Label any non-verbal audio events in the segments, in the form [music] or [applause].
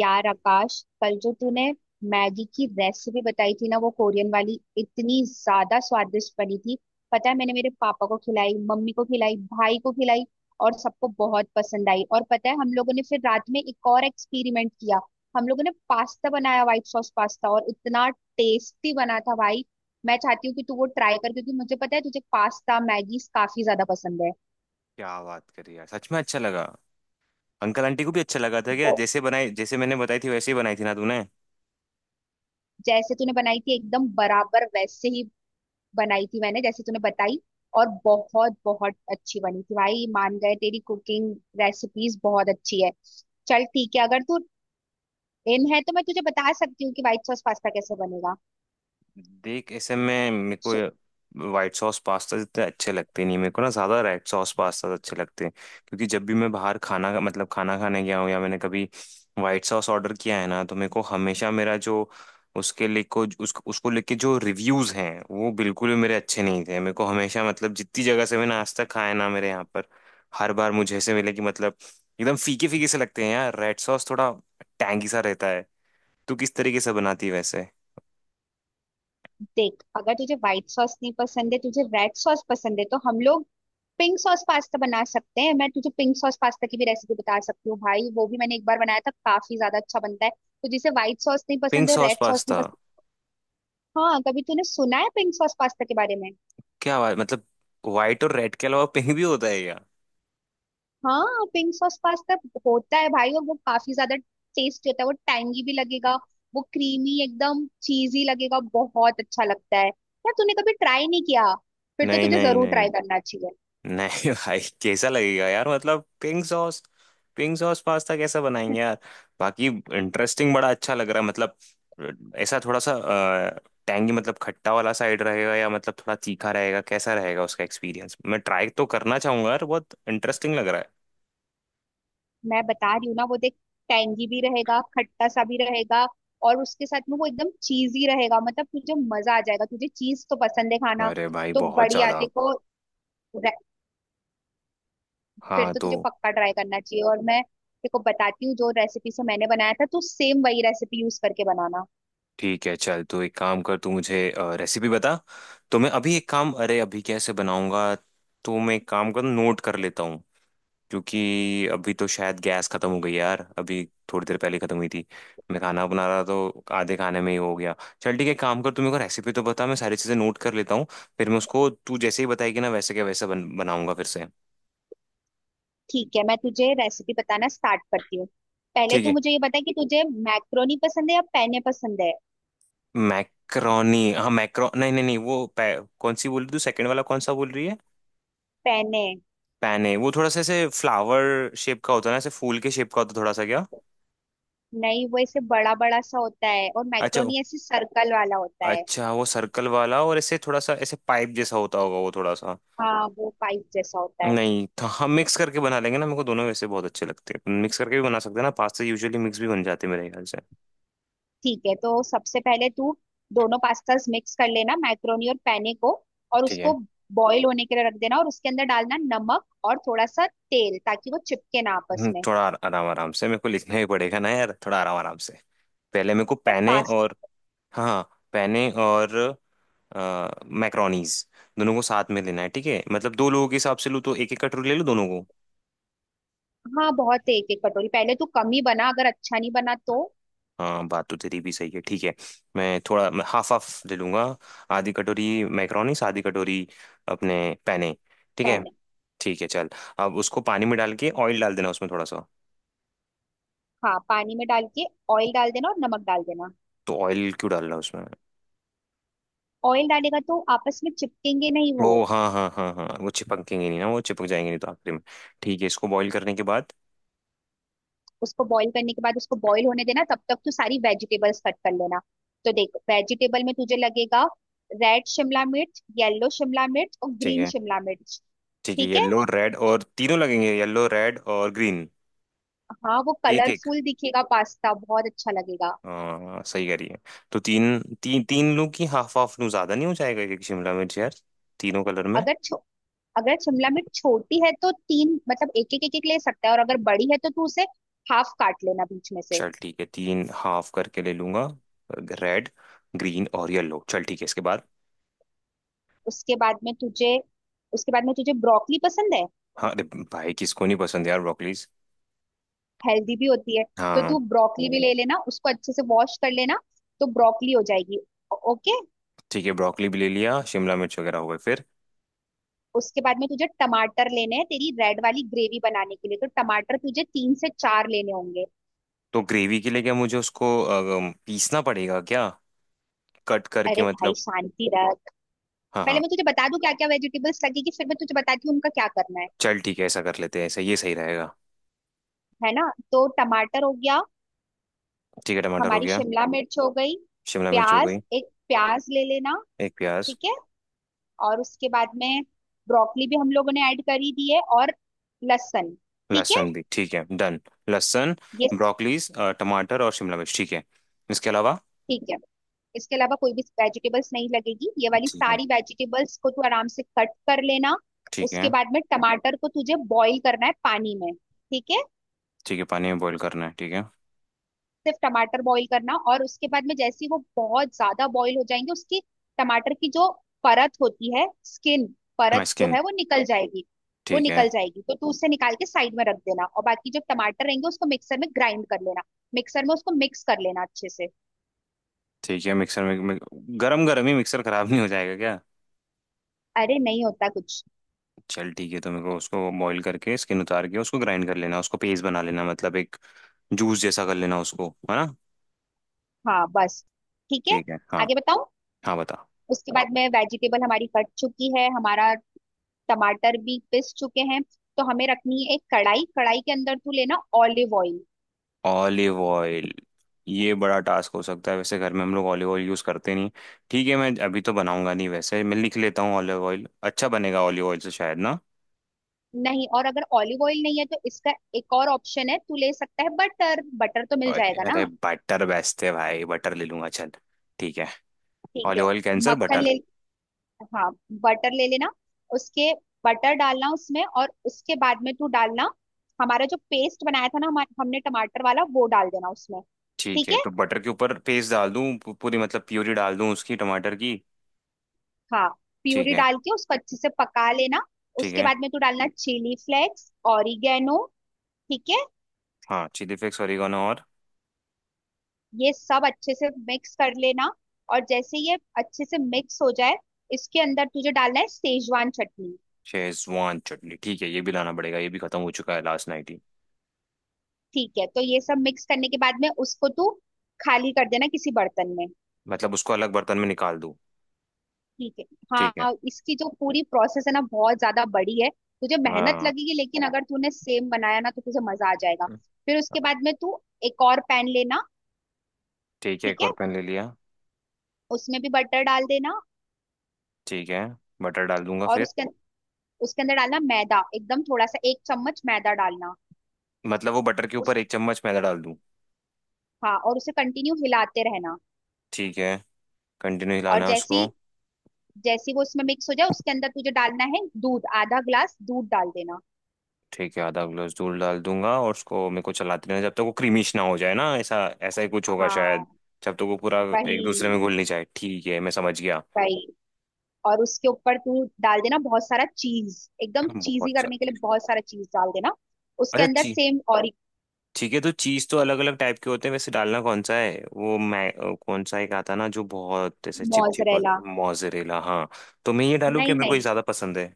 यार आकाश, कल जो तूने मैगी की रेसिपी बताई थी ना, वो कोरियन वाली इतनी ज्यादा स्वादिष्ट बनी थी। पता है, मैंने मेरे पापा को खिलाई, मम्मी को खिलाई, भाई को खिलाई और सबको बहुत पसंद आई। और पता है, हम लोगों ने फिर रात में एक और एक्सपेरिमेंट किया। हम लोगों ने पास्ता बनाया, व्हाइट सॉस पास्ता, और इतना टेस्टी बना था भाई। मैं चाहती हूँ कि तू वो ट्राई कर क्योंकि मुझे पता है तुझे पास्ता मैगी काफी ज्यादा पसंद है। क्या बात करी यार, सच में अच्छा लगा। अंकल आंटी को भी अच्छा लगा था क्या? वो जैसे बनाई, जैसे मैंने बताई थी वैसे ही बनाई थी ना तूने। जैसे तूने बनाई थी एकदम बराबर वैसे ही बनाई थी मैंने, जैसे तूने बताई। और बहुत बहुत अच्छी बनी थी भाई, मान गए तेरी कुकिंग। रेसिपीज बहुत अच्छी है। चल ठीक है, अगर तू इन है तो मैं तुझे बता सकती हूँ कि व्हाइट सॉस पास्ता कैसे बनेगा। देख, ऐसे में मेरे सु- को वाइट सॉस पास्ता इतने अच्छे लगते नहीं मेरे को ना, ज़्यादा रेड सॉस पास्ता अच्छे लगते हैं। क्योंकि जब भी मैं बाहर खाना का मतलब खाना खाने गया हूँ या मैंने कभी वाइट सॉस ऑर्डर किया है ना, तो मेरे को हमेशा मेरा जो उसके लिए को उसको उसको लेके जो रिव्यूज़ हैं वो बिल्कुल भी मेरे अच्छे नहीं थे। मेरे को हमेशा मतलब जितनी जगह से मैंने आज तक खाया ना मेरे यहाँ पर, हर बार मुझे ऐसे मिले कि मतलब एकदम फीके फीके से लगते हैं यार। रेड सॉस थोड़ा टैंगी सा रहता है। तू किस तरीके से बनाती है वैसे? देख, अगर तुझे व्हाइट सॉस नहीं पसंद है, तुझे रेड सॉस पसंद है, तो हम लोग पिंक सॉस पास्ता बना सकते हैं। मैं तुझे पिंक सॉस पास्ता की भी रेसिपी बता सकती हूँ भाई, वो भी मैंने एक बार बनाया था, काफी ज्यादा अच्छा बनता है। तो जिसे व्हाइट सॉस नहीं पिंक पसंद है और सॉस रेड सॉस नहीं पास्ता? पसंद। हाँ, कभी तूने सुना है पिंक सॉस पास्ता के बारे में? क्या बात, मतलब व्हाइट और रेड के अलावा पिंक भी होता है क्या? हाँ, पिंक सॉस पास्ता होता है भाई, और वो काफी ज्यादा टेस्टी होता है। वो टैंगी भी लगेगा, वो क्रीमी एकदम चीजी लगेगा, बहुत अच्छा लगता है यार। तूने कभी ट्राई नहीं किया? फिर तो नहीं तुझे नहीं जरूर नहीं। ट्राई करना चाहिए। नहीं [laughs] भाई कैसा लगेगा यार, मतलब पिंक सॉस पास्ता कैसा बनाएंगे यार। बाकी इंटरेस्टिंग बड़ा अच्छा लग रहा है मतलब। ऐसा थोड़ा सा टैंगी मतलब खट्टा वाला साइड रहेगा, या मतलब थोड़ा तीखा रहेगा? कैसा रहेगा उसका एक्सपीरियंस, मैं ट्राई तो करना चाहूंगा यार, बहुत इंटरेस्टिंग लग रहा मैं बता रही हूँ ना, वो देख, टैंगी भी रहेगा, खट्टा सा भी रहेगा, और उसके साथ में वो एकदम चीजी रहेगा। मतलब तुझे मजा आ जाएगा, तुझे चीज तो पसंद है है। खाना। अरे भाई तो बहुत बढ़िया, ज्यादा। देखो, फिर हाँ तो तो तुझे पक्का ट्राई करना चाहिए। और मैं देखो बताती हूँ, जो रेसिपी से मैंने बनाया था तू सेम वही रेसिपी यूज करके बनाना। ठीक है, चल तू एक काम कर, तू मुझे रेसिपी बता। तो मैं अभी एक काम, अरे अभी कैसे बनाऊंगा, तो मैं एक काम कर, नोट कर लेता हूँ। क्योंकि अभी तो शायद गैस खत्म हो गई यार, अभी थोड़ी देर पहले खत्म हुई थी। मैं खाना बना रहा तो आधे खाने में ही हो गया। चल ठीक है, काम कर, तू मेरे को रेसिपी तो बता, मैं सारी चीजें नोट कर लेता हूँ। फिर मैं उसको, तू जैसे ही बताएगी ना वैसे, क्या वैसा बनाऊंगा फिर से। ठीक है, मैं तुझे रेसिपी बताना स्टार्ट करती हूँ। पहले ठीक तू है। मुझे ये बता कि तुझे मैक्रोनी पसंद है या पैने पसंद है। मैक्रोनी। हाँ मैक्रो नहीं नहीं नहीं, वो कौन सी बोल रही तू? सेकंड वाला कौन सा बोल रही है? पैने? पैने। वो थोड़ा सा ऐसे फ्लावर शेप का होता है ना, ऐसे फूल के शेप का होता है थोड़ा सा क्या? नहीं, वो ऐसे बड़ा बड़ा सा होता है, और अच्छा। मैक्रोनी ऐसे सर्कल वाला होता है। अच्छा वो सर्कल वाला, और ऐसे थोड़ा सा ऐसे पाइप जैसा होता होगा वो थोड़ा सा। हाँ, वो पाइप जैसा होता है। नहीं था, हम मिक्स करके बना लेंगे ना, मेरे को दोनों वैसे बहुत अच्छे लगते हैं, मिक्स करके भी बना सकते हैं ना पास्ता, यूजुअली मिक्स भी बन जाते हैं मेरे ख्याल से। ठीक है, तो सबसे पहले तू दोनों पास्तास मिक्स कर लेना, मैक्रोनी और पैने को। और ठीक उसको है। बॉईल होने के लिए रख देना, और उसके अंदर डालना नमक और थोड़ा सा तेल, ताकि वो चिपके ना आपस में। थोड़ा आराम आराम से मेरे को लिखना ही पड़ेगा ना यार, थोड़ा आराम आराम से। पहले मेरे को यार पैने और। पास्ता। हाँ, पैने और मैक्रोनीज दोनों को साथ में लेना है, ठीक है? मतलब दो लोगों के हिसाब से लूँ तो एक एक कटोरी ले लूँ दोनों को। हाँ बहुत है, एक एक कटोरी। पहले तू कम ही बना, अगर अच्छा नहीं बना तो। हाँ बात तो तेरी भी सही है, ठीक है। मैं थोड़ा मैं हाफ हाफ ले लूंगा। आधी कटोरी मैक्रोनीस, आधी कटोरी अपने पैने। ठीक है। पैने। ठीक है चल। अब उसको पानी में डाल के ऑयल डाल देना उसमें थोड़ा सा। हाँ, पानी में डाल के ऑयल डाल देना और नमक डाल देना। तो ऑयल क्यों डाल रहा है उसमें? ऑयल डालेगा तो आपस में चिपकेंगे नहीं वो। ओ हाँ हाँ हाँ हाँ, वो चिपकेंगे नहीं ना, वो चिपक जाएंगे नहीं तो आखिर में। ठीक है इसको बॉईल करने के बाद। उसको बॉईल करने के बाद उसको बॉईल होने देना, तब तक तू सारी वेजिटेबल्स कट कर लेना। तो देख, वेजिटेबल में तुझे लगेगा रेड शिमला मिर्च, येलो शिमला मिर्च और ठीक ग्रीन है। शिमला मिर्च। ठीक है, ठीक है। येलो रेड और तीनों लगेंगे, येलो रेड और ग्रीन। हाँ, वो एक एक। कलरफुल दिखेगा पास्ता, बहुत अच्छा लगेगा। हाँ सही कह रही है। तो तीन तीन तीन लू की हाफ हाफ लू, ज्यादा नहीं हो जाएगा एक एक शिमला मिर्च यार तीनों कलर में? अगर छो, अगर शिमला मिर्च छोटी है तो तीन, मतलब एक एक एक एक ले सकता है, और अगर बड़ी है तो तू उसे हाफ काट लेना बीच में से। चल ठीक है, तीन हाफ करके ले लूंगा। रेड, ग्रीन और येलो, चल ठीक है इसके बाद। उसके बाद में तुझे, उसके बाद में तुझे ब्रोकली पसंद है? हाँ, अरे भाई किसको नहीं पसंद यार ब्रोकलीज। हेल्दी भी होती है। तो हाँ। तू ब्रोकली भी ले लेना, उसको अच्छे से वॉश कर लेना। तो ब्रोकली हो जाएगी। ओके। ठीक है, ब्रोकली भी ले लिया, शिमला मिर्च वगैरह हो गए, फिर? उसके बाद में तुझे टमाटर लेने हैं तेरी रेड वाली ग्रेवी बनाने के लिए, तो टमाटर तुझे 3 से 4 लेने होंगे। तो ग्रेवी के लिए क्या मुझे उसको पीसना पड़ेगा क्या, कट करके अरे भाई, मतलब? शांति रख। हाँ पहले हाँ। मैं तुझे बता दूं क्या क्या वेजिटेबल्स लगेगी, फिर मैं तुझे बताती हूँ उनका क्या करना है। चल ठीक है, ऐसा कर लेते हैं, ऐसा ये सही रहेगा। है ना? तो टमाटर हो गया। ठीक है टमाटर हो हमारी गया। शिमला मिर्च हो गई। शिमला मिर्च हो प्याज, गई। एक प्याज ले लेना। एक प्याज। ठीक है। और उसके बाद में ब्रोकली भी हम लोगों ने ऐड कर ही दी है, और लहसुन। ठीक है। लहसुन भी ठीक है, डन। लहसुन, ये, ब्रोकलीज, टमाटर और शिमला मिर्च, ठीक है, इसके अलावा? ठीक है, इसके अलावा कोई भी वेजिटेबल्स नहीं लगेगी। ये वाली ठीक है। सारी वेजिटेबल्स को तू आराम से कट कर लेना। ठीक उसके है। बाद में टमाटर को तुझे बॉईल करना है पानी में, ठीक है? ठीक है पानी में बॉईल करना है, ठीक है। सिर्फ टमाटर बॉईल करना, और उसके बाद में जैसे ही वो बहुत ज्यादा बॉईल हो जाएंगे, उसकी टमाटर की जो परत होती है, स्किन, हाँ, परत जो स्किन। है वो निकल जाएगी। वो ठीक है। निकल जाएगी तो तू उसे निकाल के साइड में रख देना, और बाकी जो टमाटर रहेंगे उसको मिक्सर में ग्राइंड कर लेना। मिक्सर में उसको मिक्स कर लेना अच्छे से। ठीक है मिक्सर में, गरम गरम ही मिक्सर खराब नहीं हो जाएगा क्या? अरे, नहीं होता कुछ। चल ठीक है, तो मेरे को उसको बॉईल करके स्किन उतार के उसको ग्राइंड कर लेना, उसको पेस्ट बना लेना, मतलब एक जूस जैसा कर लेना उसको, है ना? हाँ बस। ठीक है, ठीक है हाँ। आगे बताऊं? हाँ बता। उसके बाद में वेजिटेबल हमारी कट चुकी है, हमारा टमाटर भी पिस चुके हैं। तो हमें रखनी है एक कढ़ाई। कढ़ाई के अंदर तू लेना ऑलिव ऑयल। Olive oil. ये बड़ा टास्क हो सकता है वैसे, घर में हम लोग ऑलिव ऑयल यूज़ करते नहीं। ठीक है मैं अभी तो बनाऊंगा नहीं वैसे, मैं लिख लेता हूँ ऑलिव ऑयल। अच्छा बनेगा ऑलिव ऑयल से शायद ना? नहीं, और अगर ऑलिव ऑयल नहीं है तो इसका एक और ऑप्शन है तू ले सकता है, बटर। बटर तो मिल अरे जाएगा अरे ना? बटर बेचते भाई, बटर ले लूंगा चल। ठीक है। ठीक है, ऑलिव ऑयल कैंसर मक्खन बटर। ले। हाँ, बटर ले लेना। उसके, बटर डालना उसमें, और उसके बाद में तू डालना हमारा जो पेस्ट बनाया था ना, हमने टमाटर वाला, वो डाल देना उसमें। ठीक ठीक है, है। तो बटर के ऊपर पेस्ट डाल दूं, पूरी मतलब प्यूरी डाल दूं उसकी टमाटर की? हाँ, ठीक प्यूरी है। डाल के उसको अच्छे से पका लेना। ठीक उसके है बाद में तू डालना चिली फ्लेक्स, ऑरिगेनो। ठीक है, हाँ, चिली फ्लेक्स ओरिगानो और? ये सब अच्छे से मिक्स कर लेना, और जैसे ये अच्छे से मिक्स हो जाए, इसके अंदर तुझे डालना है सेजवान चटनी। शेजवान चटनी ठीक है, ये भी लाना पड़ेगा, ये भी खत्म हो चुका है लास्ट नाइट ही। ठीक है, तो ये सब मिक्स करने के बाद में उसको तू खाली कर देना किसी बर्तन में। मतलब उसको अलग बर्तन में निकाल दूं? ठीक है। ठीक है हाँ, इसकी जो पूरी प्रोसेस है ना, बहुत ज्यादा बड़ी है, तुझे मेहनत हाँ। लगेगी, लेकिन अगर तूने सेम बनाया ना तो तुझे मजा आ जाएगा। फिर उसके बाद में तू एक और पैन लेना। ठीक है ठीक एक है, और पैन ले लिया। उसमें भी बटर डाल देना। ठीक है, बटर डाल दूंगा और फिर। उसके अंदर डालना मैदा, एकदम थोड़ा सा, एक चम्मच मैदा डालना। मतलब वो बटर के उस, ऊपर एक चम्मच मैदा डाल दूं? हाँ, और उसे कंटिन्यू हिलाते रहना। ठीक है। कंटिन्यू और हिलाना है जैसी, उसको। जैसी वो उसमें मिक्स हो जाए, उसके अंदर तुझे डालना है दूध, आधा ग्लास दूध डाल देना। ठीक है, आधा ग्लास दूध डाल दूंगा, और उसको मेरे को चलाते रहना जब तक वो क्रीमिश ना हो जाए ना, ऐसा ऐसा ही कुछ होगा शायद। हाँ जब तक वो पूरा एक दूसरे वही। में घुल नहीं जाए, ठीक है मैं समझ गया। वही। और उसके ऊपर तू डाल देना बहुत सारा चीज, एकदम चीजी बहुत करने सारी के लिए चीज। बहुत सारा चीज डाल देना। उसके अच्छा अंदर ची। सेम, और। ठीक है तो चीज तो अलग अलग टाइप के होते हैं वैसे, डालना कौन सा है वो, मैं कौन सा एक आता ना जो बहुत ऐसे चिपचिप होता मोजरेला, है, मोजरेला हाँ। तो मैं ये डालू क्या, नहीं मेरे को ये नहीं, ज्यादा पसंद है।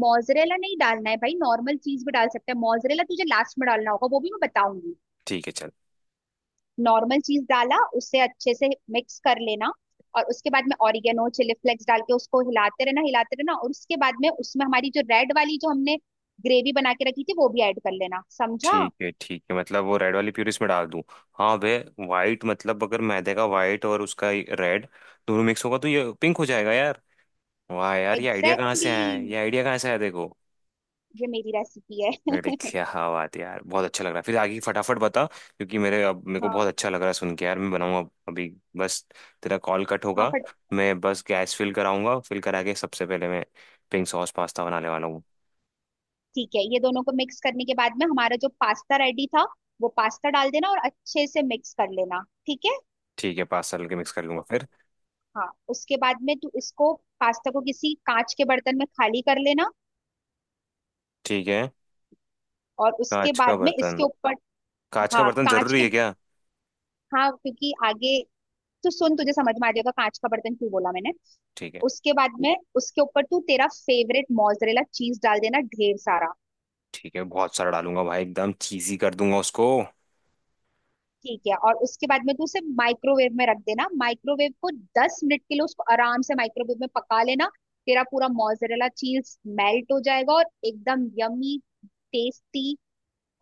मोजरेला नहीं डालना है भाई, नॉर्मल चीज भी डाल सकते हैं। मोजरेला तुझे लास्ट में डालना होगा, वो भी मैं बताऊंगी। ठीक है चल। नॉर्मल चीज डाला, उसे अच्छे से मिक्स कर लेना, और उसके बाद में ऑरिगेनो, चिली फ्लेक्स डाल के उसको हिलाते रहना, हिलाते रहना। और उसके बाद में उसमें हमारी जो रेड वाली, जो हमने ग्रेवी बना के रखी थी वो भी ऐड कर लेना, समझा? ठीक है। ठीक है मतलब वो रेड वाली प्यूरी इसमें डाल दूं? हाँ वे वाइट मतलब अगर मैदे का वाइट और उसका रेड दोनों मिक्स होगा तो ये पिंक हो जाएगा यार। वाह यार, ये आइडिया कहाँ एग्जैक्टली से आया है, exactly. ये आइडिया कहाँ से आया देखो। ये मेरी रेसिपी है। अरे [laughs] क्या बात है यार, बहुत अच्छा लग रहा है, फिर आगे फटाफट बता क्योंकि मेरे अब मेरे को हाँ। बहुत अच्छा लग रहा है सुन के यार, मैं बनाऊंगा अभी बस, तेरा कॉल कट हाँ होगा, फट मैं बस गैस फिल कराऊंगा, फिल करा के सबसे पहले मैं पिंक सॉस पास्ता बनाने वाला हूँ। ठीक है, ये दोनों को मिक्स करने के बाद में हमारा जो पास्ता रेडी था, वो पास्ता डाल देना और अच्छे से मिक्स कर लेना। ठीक है। ठीक है पास्ता के मिक्स कर लूंगा फिर। हाँ, उसके बाद में तू इसको, पास्ता को किसी कांच के बर्तन में खाली कर लेना। ठीक है। और उसके कांच का बाद में बर्तन? इसके ऊपर, कांच का हाँ, बर्तन कांच जरूरी के, है क्या? हाँ क्योंकि आगे तू सुन, तुझे समझ में आ जाएगा कांच का बर्तन क्यों बोला मैंने। ठीक है। उसके बाद में उसके ऊपर तू तेरा फेवरेट मोजरेला चीज डाल देना, ढेर सारा। ठीक है बहुत सारा डालूंगा भाई, एकदम चीजी कर दूंगा उसको। ठीक है, और उसके बाद में तू उसे माइक्रोवेव में रख देना। माइक्रोवेव को 10 मिनट के लिए उसको आराम से माइक्रोवेव में पका लेना। तेरा पूरा मोजरेला चीज मेल्ट हो जाएगा, और एकदम यमी, टेस्टी,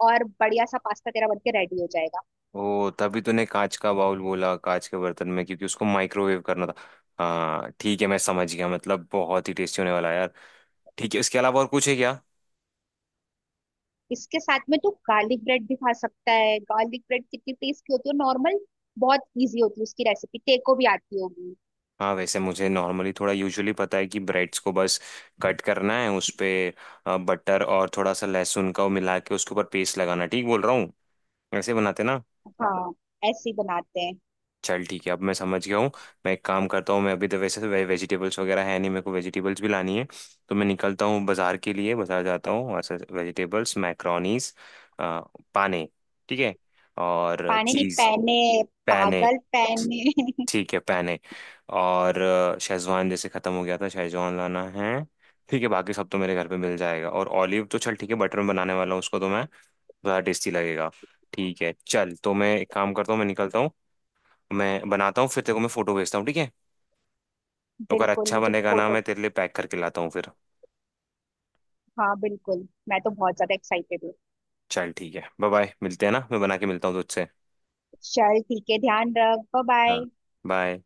और बढ़िया सा पास्ता तेरा बनके रेडी हो जाएगा। ओ तभी तूने कांच का बाउल बोला कांच के बर्तन में, क्योंकि उसको माइक्रोवेव करना था। हाँ ठीक है मैं समझ गया, मतलब बहुत ही टेस्टी होने वाला है यार। ठीक है, इसके अलावा और कुछ है क्या? इसके साथ में तू गार्लिक ब्रेड भी खा सकता है। गार्लिक ब्रेड कितनी टेस्टी होती है, नॉर्मल, बहुत इजी होती है, उसकी रेसिपी तेको भी आती होगी। हाँ वैसे मुझे नॉर्मली थोड़ा यूजुअली पता है कि ब्रेड्स को बस कट करना है, उस पे बटर और थोड़ा सा लहसुन का वो मिला के उसके ऊपर पेस्ट लगाना है। ठीक बोल रहा हूँ, ऐसे बनाते ना? हाँ, ऐसे ही बनाते हैं। चल ठीक है, अब मैं समझ गया हूँ। मैं एक काम करता हूँ, मैं अभी तो वैसे तो वेजिटेबल्स वगैरह है नहीं, मेरे को वेजिटेबल्स भी लानी है, तो मैं निकलता हूँ बाजार के लिए, बाजार जाता हूँ वहाँ से वेजिटेबल्स, मैक्रोनीस, पाने। ठीक है। और पानी नहीं, चीज़। पहने। पैने। पागल, पहने। ठीक है पैने। और शेजवान जैसे ख़त्म हो गया था, शेजवान लाना है। ठीक है बाकी सब तो मेरे घर पे मिल जाएगा, और ऑलिव तो चल ठीक है बटर में बनाने वाला हूँ उसको तो मैं, ज़्यादा टेस्टी लगेगा। ठीक है चल, तो मैं एक काम करता हूँ, मैं निकलता हूँ, मैं बनाता हूँ फिर तेरे को मैं फोटो भेजता हूँ, ठीक है? [laughs] अगर बिल्कुल, अच्छा मुझे बनेगा ना मैं फोटो। तेरे लिए पैक करके लाता हूँ फिर। हाँ बिल्कुल, मैं तो बहुत ज्यादा एक्साइटेड हूँ। चल ठीक है बाय बाय, मिलते हैं ना, मैं बना के मिलता हूँ तुझसे। चल ठीक है, ध्यान रख, बाय हाँ बाय। बाय।